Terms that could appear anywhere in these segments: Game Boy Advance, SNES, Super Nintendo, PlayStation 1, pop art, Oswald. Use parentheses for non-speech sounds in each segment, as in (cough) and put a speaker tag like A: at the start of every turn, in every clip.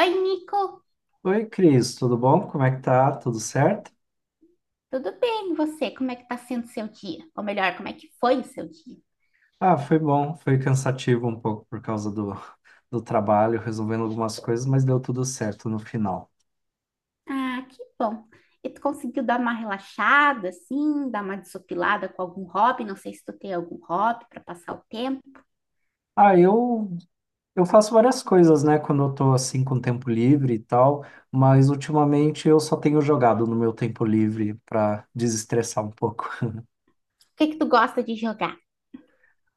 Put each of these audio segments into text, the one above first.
A: Oi, Nico,
B: Oi, Cris, tudo bom? Como é que tá? Tudo certo?
A: tudo bem? E você? Como é que tá sendo seu dia? Ou melhor, como é que foi o seu dia?
B: Ah, foi bom, foi cansativo um pouco por causa do trabalho, resolvendo algumas coisas, mas deu tudo certo no final.
A: Ah, que bom. E tu conseguiu dar uma relaxada, assim, dar uma desopilada com algum hobby? Não sei se tu tem algum hobby para passar o tempo.
B: Ah, eu, eu faço várias coisas, né, quando eu tô assim com tempo livre e tal, mas ultimamente eu só tenho jogado no meu tempo livre para desestressar um pouco.
A: O que é que tu gosta de jogar?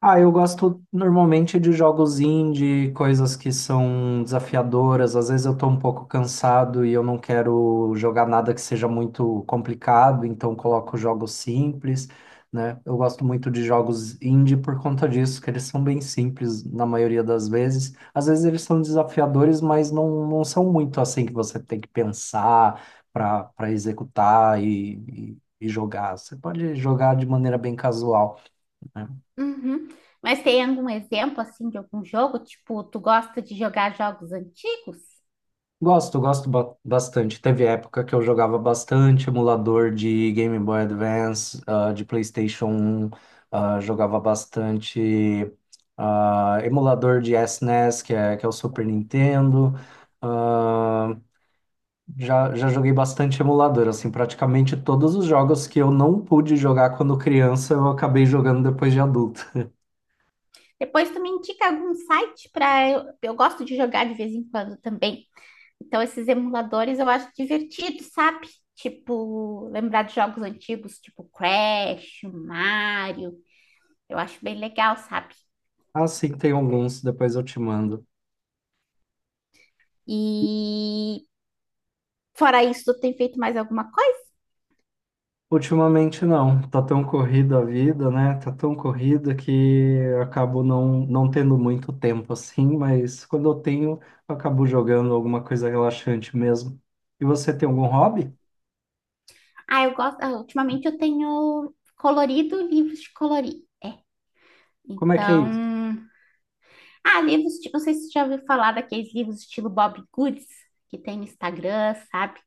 B: Ah, eu gosto normalmente de jogos indie, coisas que são desafiadoras. Às vezes eu tô um pouco cansado e eu não quero jogar nada que seja muito complicado, então coloco jogos simples, né? Eu gosto muito de jogos indie por conta disso, que eles são bem simples na maioria das vezes. Às vezes eles são desafiadores, mas não, não são muito assim que você tem que pensar para executar e jogar. Você pode jogar de maneira bem casual, né?
A: Uhum. Mas tem algum exemplo assim de algum jogo? Tipo, tu gosta de jogar jogos antigos?
B: Gosto, gosto bastante. Teve época que eu jogava bastante emulador de Game Boy Advance, de PlayStation 1, jogava bastante emulador de SNES, que é o Super Nintendo. Ah, já joguei bastante emulador, assim, praticamente todos os jogos que eu não pude jogar quando criança, eu acabei jogando depois de adulto.
A: Depois tu me indica algum site para eu gosto de jogar de vez em quando também. Então esses emuladores eu acho divertido, sabe? Tipo, lembrar de jogos antigos, tipo Crash, Mario, eu acho bem legal, sabe?
B: Ah, sim, tem alguns, depois eu te mando.
A: E fora isso, tu tem feito mais alguma coisa?
B: Ultimamente não, tá tão corrida a vida, né? Tá tão corrida que eu acabo não, não tendo muito tempo assim, mas quando eu tenho, eu acabo jogando alguma coisa relaxante mesmo. E você tem algum hobby?
A: Ah, eu gosto, ah, ultimamente eu tenho colorido livros de colorir.
B: Como é que é
A: Então,
B: isso?
A: ah, livros, tipo, não sei se você já ouviu falar daqueles livros estilo Bob Goods, que tem no Instagram, sabe?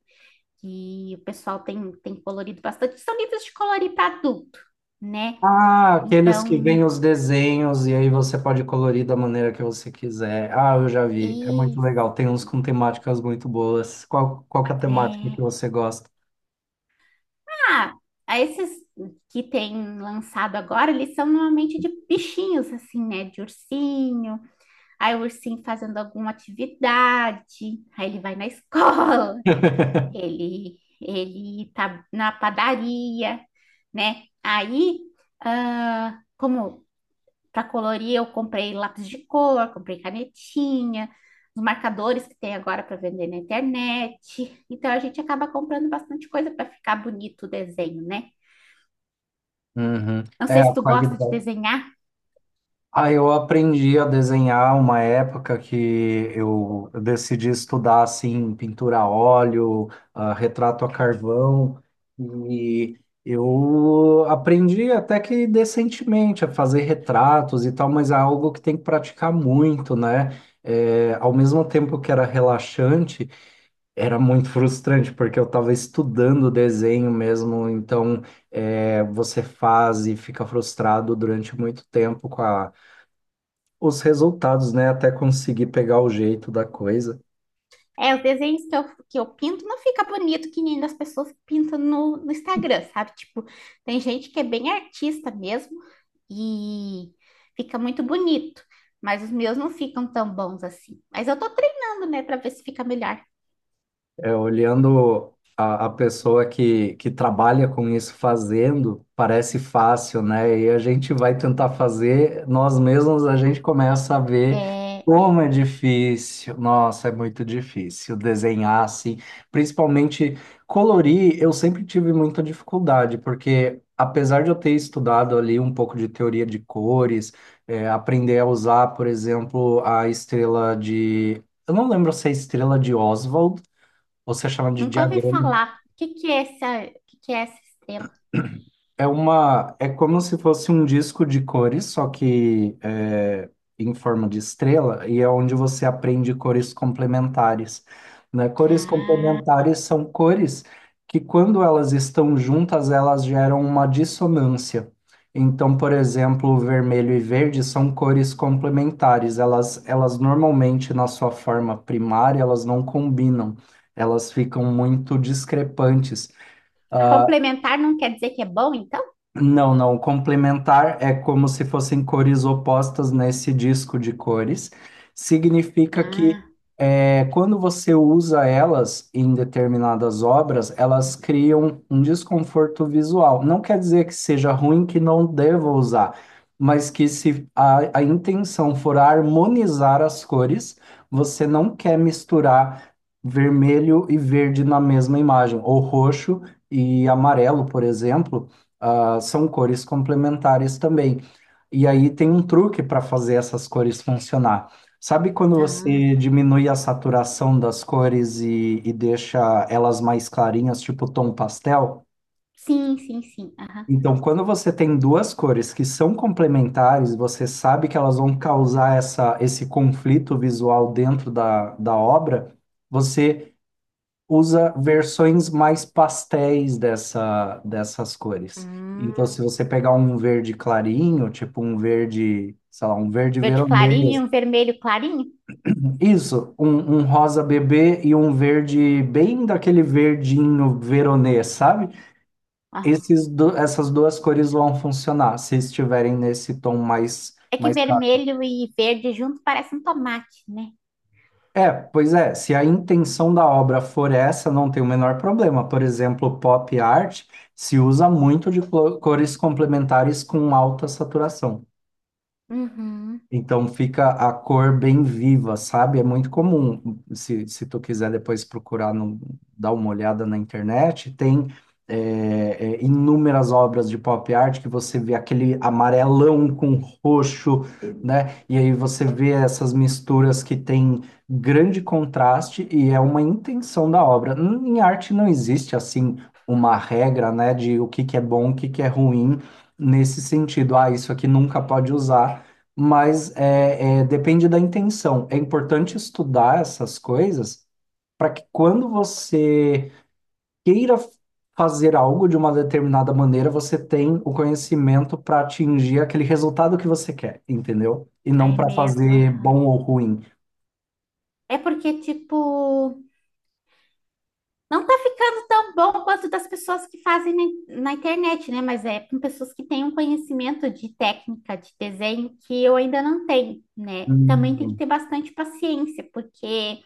A: Que o pessoal tem colorido bastante. São livros de colorir para adulto, né?
B: Ah, aqueles que
A: Então,
B: vêm os desenhos e aí você pode colorir da maneira que você quiser. Ah, eu já vi, é muito
A: e
B: legal. Tem uns com temáticas muito boas. Qual, qual que é a temática que
A: é,
B: você gosta?
A: ah, ah, esses que tem lançado agora, eles são normalmente de bichinhos, assim, né? De ursinho, aí o ursinho fazendo alguma atividade, aí ele vai na (laughs) escola,
B: (laughs)
A: ele tá na padaria, né? Aí, ah, como para colorir, eu comprei lápis de cor, comprei canetinha, os marcadores que tem agora para vender na internet. Então a gente acaba comprando bastante coisa para ficar bonito o desenho, né?
B: Uhum.
A: Não
B: É
A: sei se
B: a
A: tu gosta de
B: qualidade.
A: desenhar.
B: Ah, eu aprendi a desenhar uma época que eu decidi estudar assim pintura a óleo, ah, retrato a carvão e eu aprendi até que decentemente a fazer retratos e tal, mas é algo que tem que praticar muito, né? É, ao mesmo tempo que era relaxante, era muito (laughs) frustrante porque eu estava estudando desenho mesmo, então é, você faz e fica frustrado durante muito tempo com a os resultados, né? Até conseguir pegar o jeito da coisa.
A: É, os desenhos que eu pinto não fica bonito que nem das pessoas que pintam no Instagram, sabe? Tipo, tem gente que é bem artista mesmo e fica muito bonito, mas os meus não ficam tão bons assim. Mas eu tô treinando, né, pra ver se fica melhor.
B: É, olhando a pessoa que trabalha com isso fazendo, parece fácil, né? E a gente vai tentar fazer, nós mesmos, a gente começa a ver
A: É, é.
B: como é difícil. Nossa, é muito difícil desenhar assim, principalmente colorir. Eu sempre tive muita dificuldade, porque apesar de eu ter estudado ali um pouco de teoria de cores, é, aprender a usar, por exemplo, a estrela de. Eu não lembro se é a estrela de Oswald você chama de
A: Nunca ouvi
B: diagrama.
A: falar. O que que é essa, o que que é essa estrela?
B: É como se fosse um disco de cores, em forma de estrela, e é onde você aprende cores complementares, né? Cores
A: Ah,
B: complementares são cores que, quando elas estão juntas, elas geram uma dissonância. Então, por exemplo, vermelho e verde são cores complementares. Elas normalmente, na sua forma primária, elas não combinam. Elas ficam muito discrepantes. Ah,
A: complementar não quer dizer que é bom, então?
B: não, não. O complementar é como se fossem cores opostas nesse disco de cores. Significa que
A: Ah,
B: é, quando você usa elas em determinadas obras, elas criam um desconforto visual. Não quer dizer que seja ruim, que não deva usar, mas que se a intenção for harmonizar as cores, você não quer misturar vermelho e verde na mesma imagem, ou roxo e amarelo, por exemplo, ah, são cores complementares também. E aí tem um truque para fazer essas cores funcionar. Sabe quando
A: ah.
B: você diminui a saturação das cores e deixa elas mais clarinhas, tipo tom pastel?
A: Sim, sim, sim. Aham.
B: Então, quando você tem duas cores que são complementares, você sabe que elas vão causar esse conflito visual dentro da obra, você usa versões mais pastéis dessas cores. Então, se
A: Hum.
B: você pegar um verde clarinho, tipo um verde, sei lá, um verde
A: Verde
B: veronês,
A: clarinho, vermelho clarinho?
B: isso, um rosa bebê e um verde bem daquele verdinho veronês, sabe? Essas duas cores vão funcionar se estiverem nesse tom
A: É que
B: mais.
A: vermelho e verde junto parece um tomate, né?
B: É, pois é, se a intenção da obra for essa, não tem o menor problema. Por exemplo, pop art se usa muito de cores complementares com alta saturação.
A: Uhum.
B: Então fica a cor bem viva, sabe? É muito comum, se tu quiser depois procurar, no, dar uma olhada na internet, tem inúmeras obras de pop art que você vê aquele amarelão com roxo, né? E aí você vê essas misturas que tem grande contraste e é uma intenção da obra. Em arte não existe, assim, uma regra, né, de o que que é bom, o que que é ruim, nesse sentido. Ah, isso aqui nunca pode usar, mas é, depende da intenção. É importante estudar essas coisas para que quando você queira fazer algo de uma determinada maneira, você tem o conhecimento para atingir aquele resultado que você quer, entendeu? E não
A: Aí é
B: para
A: mesmo.
B: fazer
A: Aham.
B: bom ou ruim.
A: É porque, tipo, não tá ficando tão bom quanto das pessoas que fazem na internet, né? Mas é com pessoas que têm um conhecimento de técnica de desenho que eu ainda não tenho, né? Também tem que
B: Hum.
A: ter bastante paciência, porque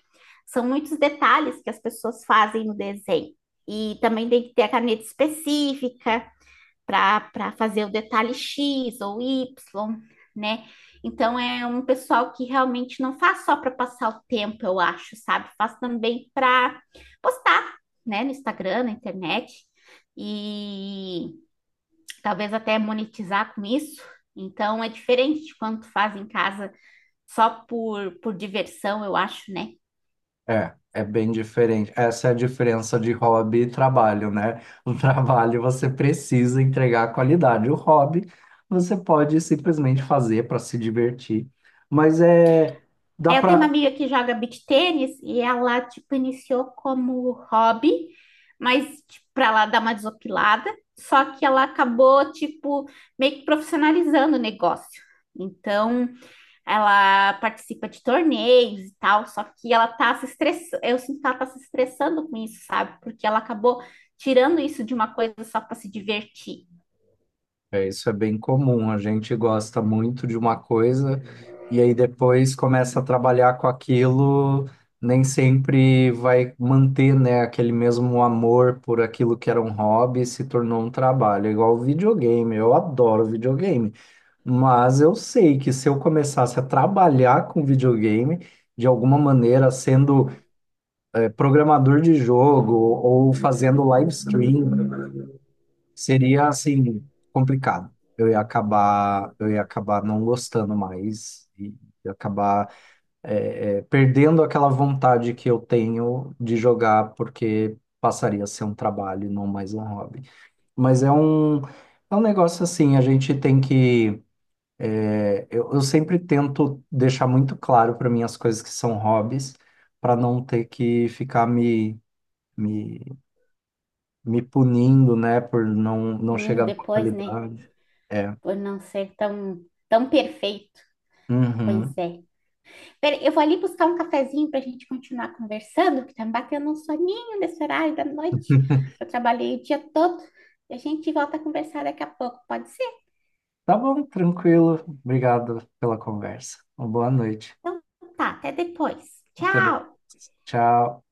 A: são muitos detalhes que as pessoas fazem no desenho. E também tem que ter a caneta específica, para fazer o detalhe X ou Y, né? Então é um pessoal que realmente não faz só para passar o tempo, eu acho, sabe? Faz também para postar, né, no Instagram, na internet e talvez até monetizar com isso. Então é diferente de quando tu faz em casa só por diversão, eu acho, né?
B: É, é bem diferente. Essa é a diferença de hobby e trabalho, né? O (laughs) trabalho você precisa entregar a qualidade. O hobby você pode simplesmente fazer para se divertir. Mas é, dá
A: É, eu tenho uma
B: para.
A: amiga que joga beach tênis e ela, tipo, iniciou como hobby, mas, tipo, pra ela dar uma desopilada, só que ela acabou, tipo, meio que profissionalizando o negócio. Então, ela participa de torneios e tal, só que ela tá se estressando, eu sinto que ela tá se estressando com isso, sabe? Porque ela acabou tirando isso de uma coisa só para se divertir.
B: É, isso é bem comum. A gente gosta muito de uma coisa e aí depois começa a trabalhar com aquilo, nem sempre vai manter, né, aquele mesmo amor por aquilo que era um hobby e se tornou um trabalho. É, igual videogame. Eu adoro videogame. Mas eu sei que se eu começasse a trabalhar com videogame, de alguma maneira, sendo programador de jogo ou fazendo live stream, seria assim complicado. Eu ia acabar não gostando mais e ia acabar perdendo aquela vontade que eu tenho de jogar, porque passaria a ser um trabalho, e não mais um hobby. Mas é um, é um negócio assim, a gente tem que. É, eu sempre tento deixar muito claro para mim as coisas que são hobbies, para não ter que ficar me, me punindo, né, por não, não
A: Punindo
B: chegar na
A: depois, né?
B: qualidade. É.
A: Por não ser tão, tão perfeito.
B: Uhum.
A: Pois é. Peraí, eu vou ali buscar um cafezinho para a gente continuar conversando, que tá me batendo um soninho nesse horário da noite, que eu trabalhei o dia todo. E a gente volta a conversar daqui a pouco, pode ser?
B: Tá bom, tranquilo. Obrigado pela conversa. Uma boa noite.
A: Então tá, até depois.
B: Até depois.
A: Tchau!
B: Tchau.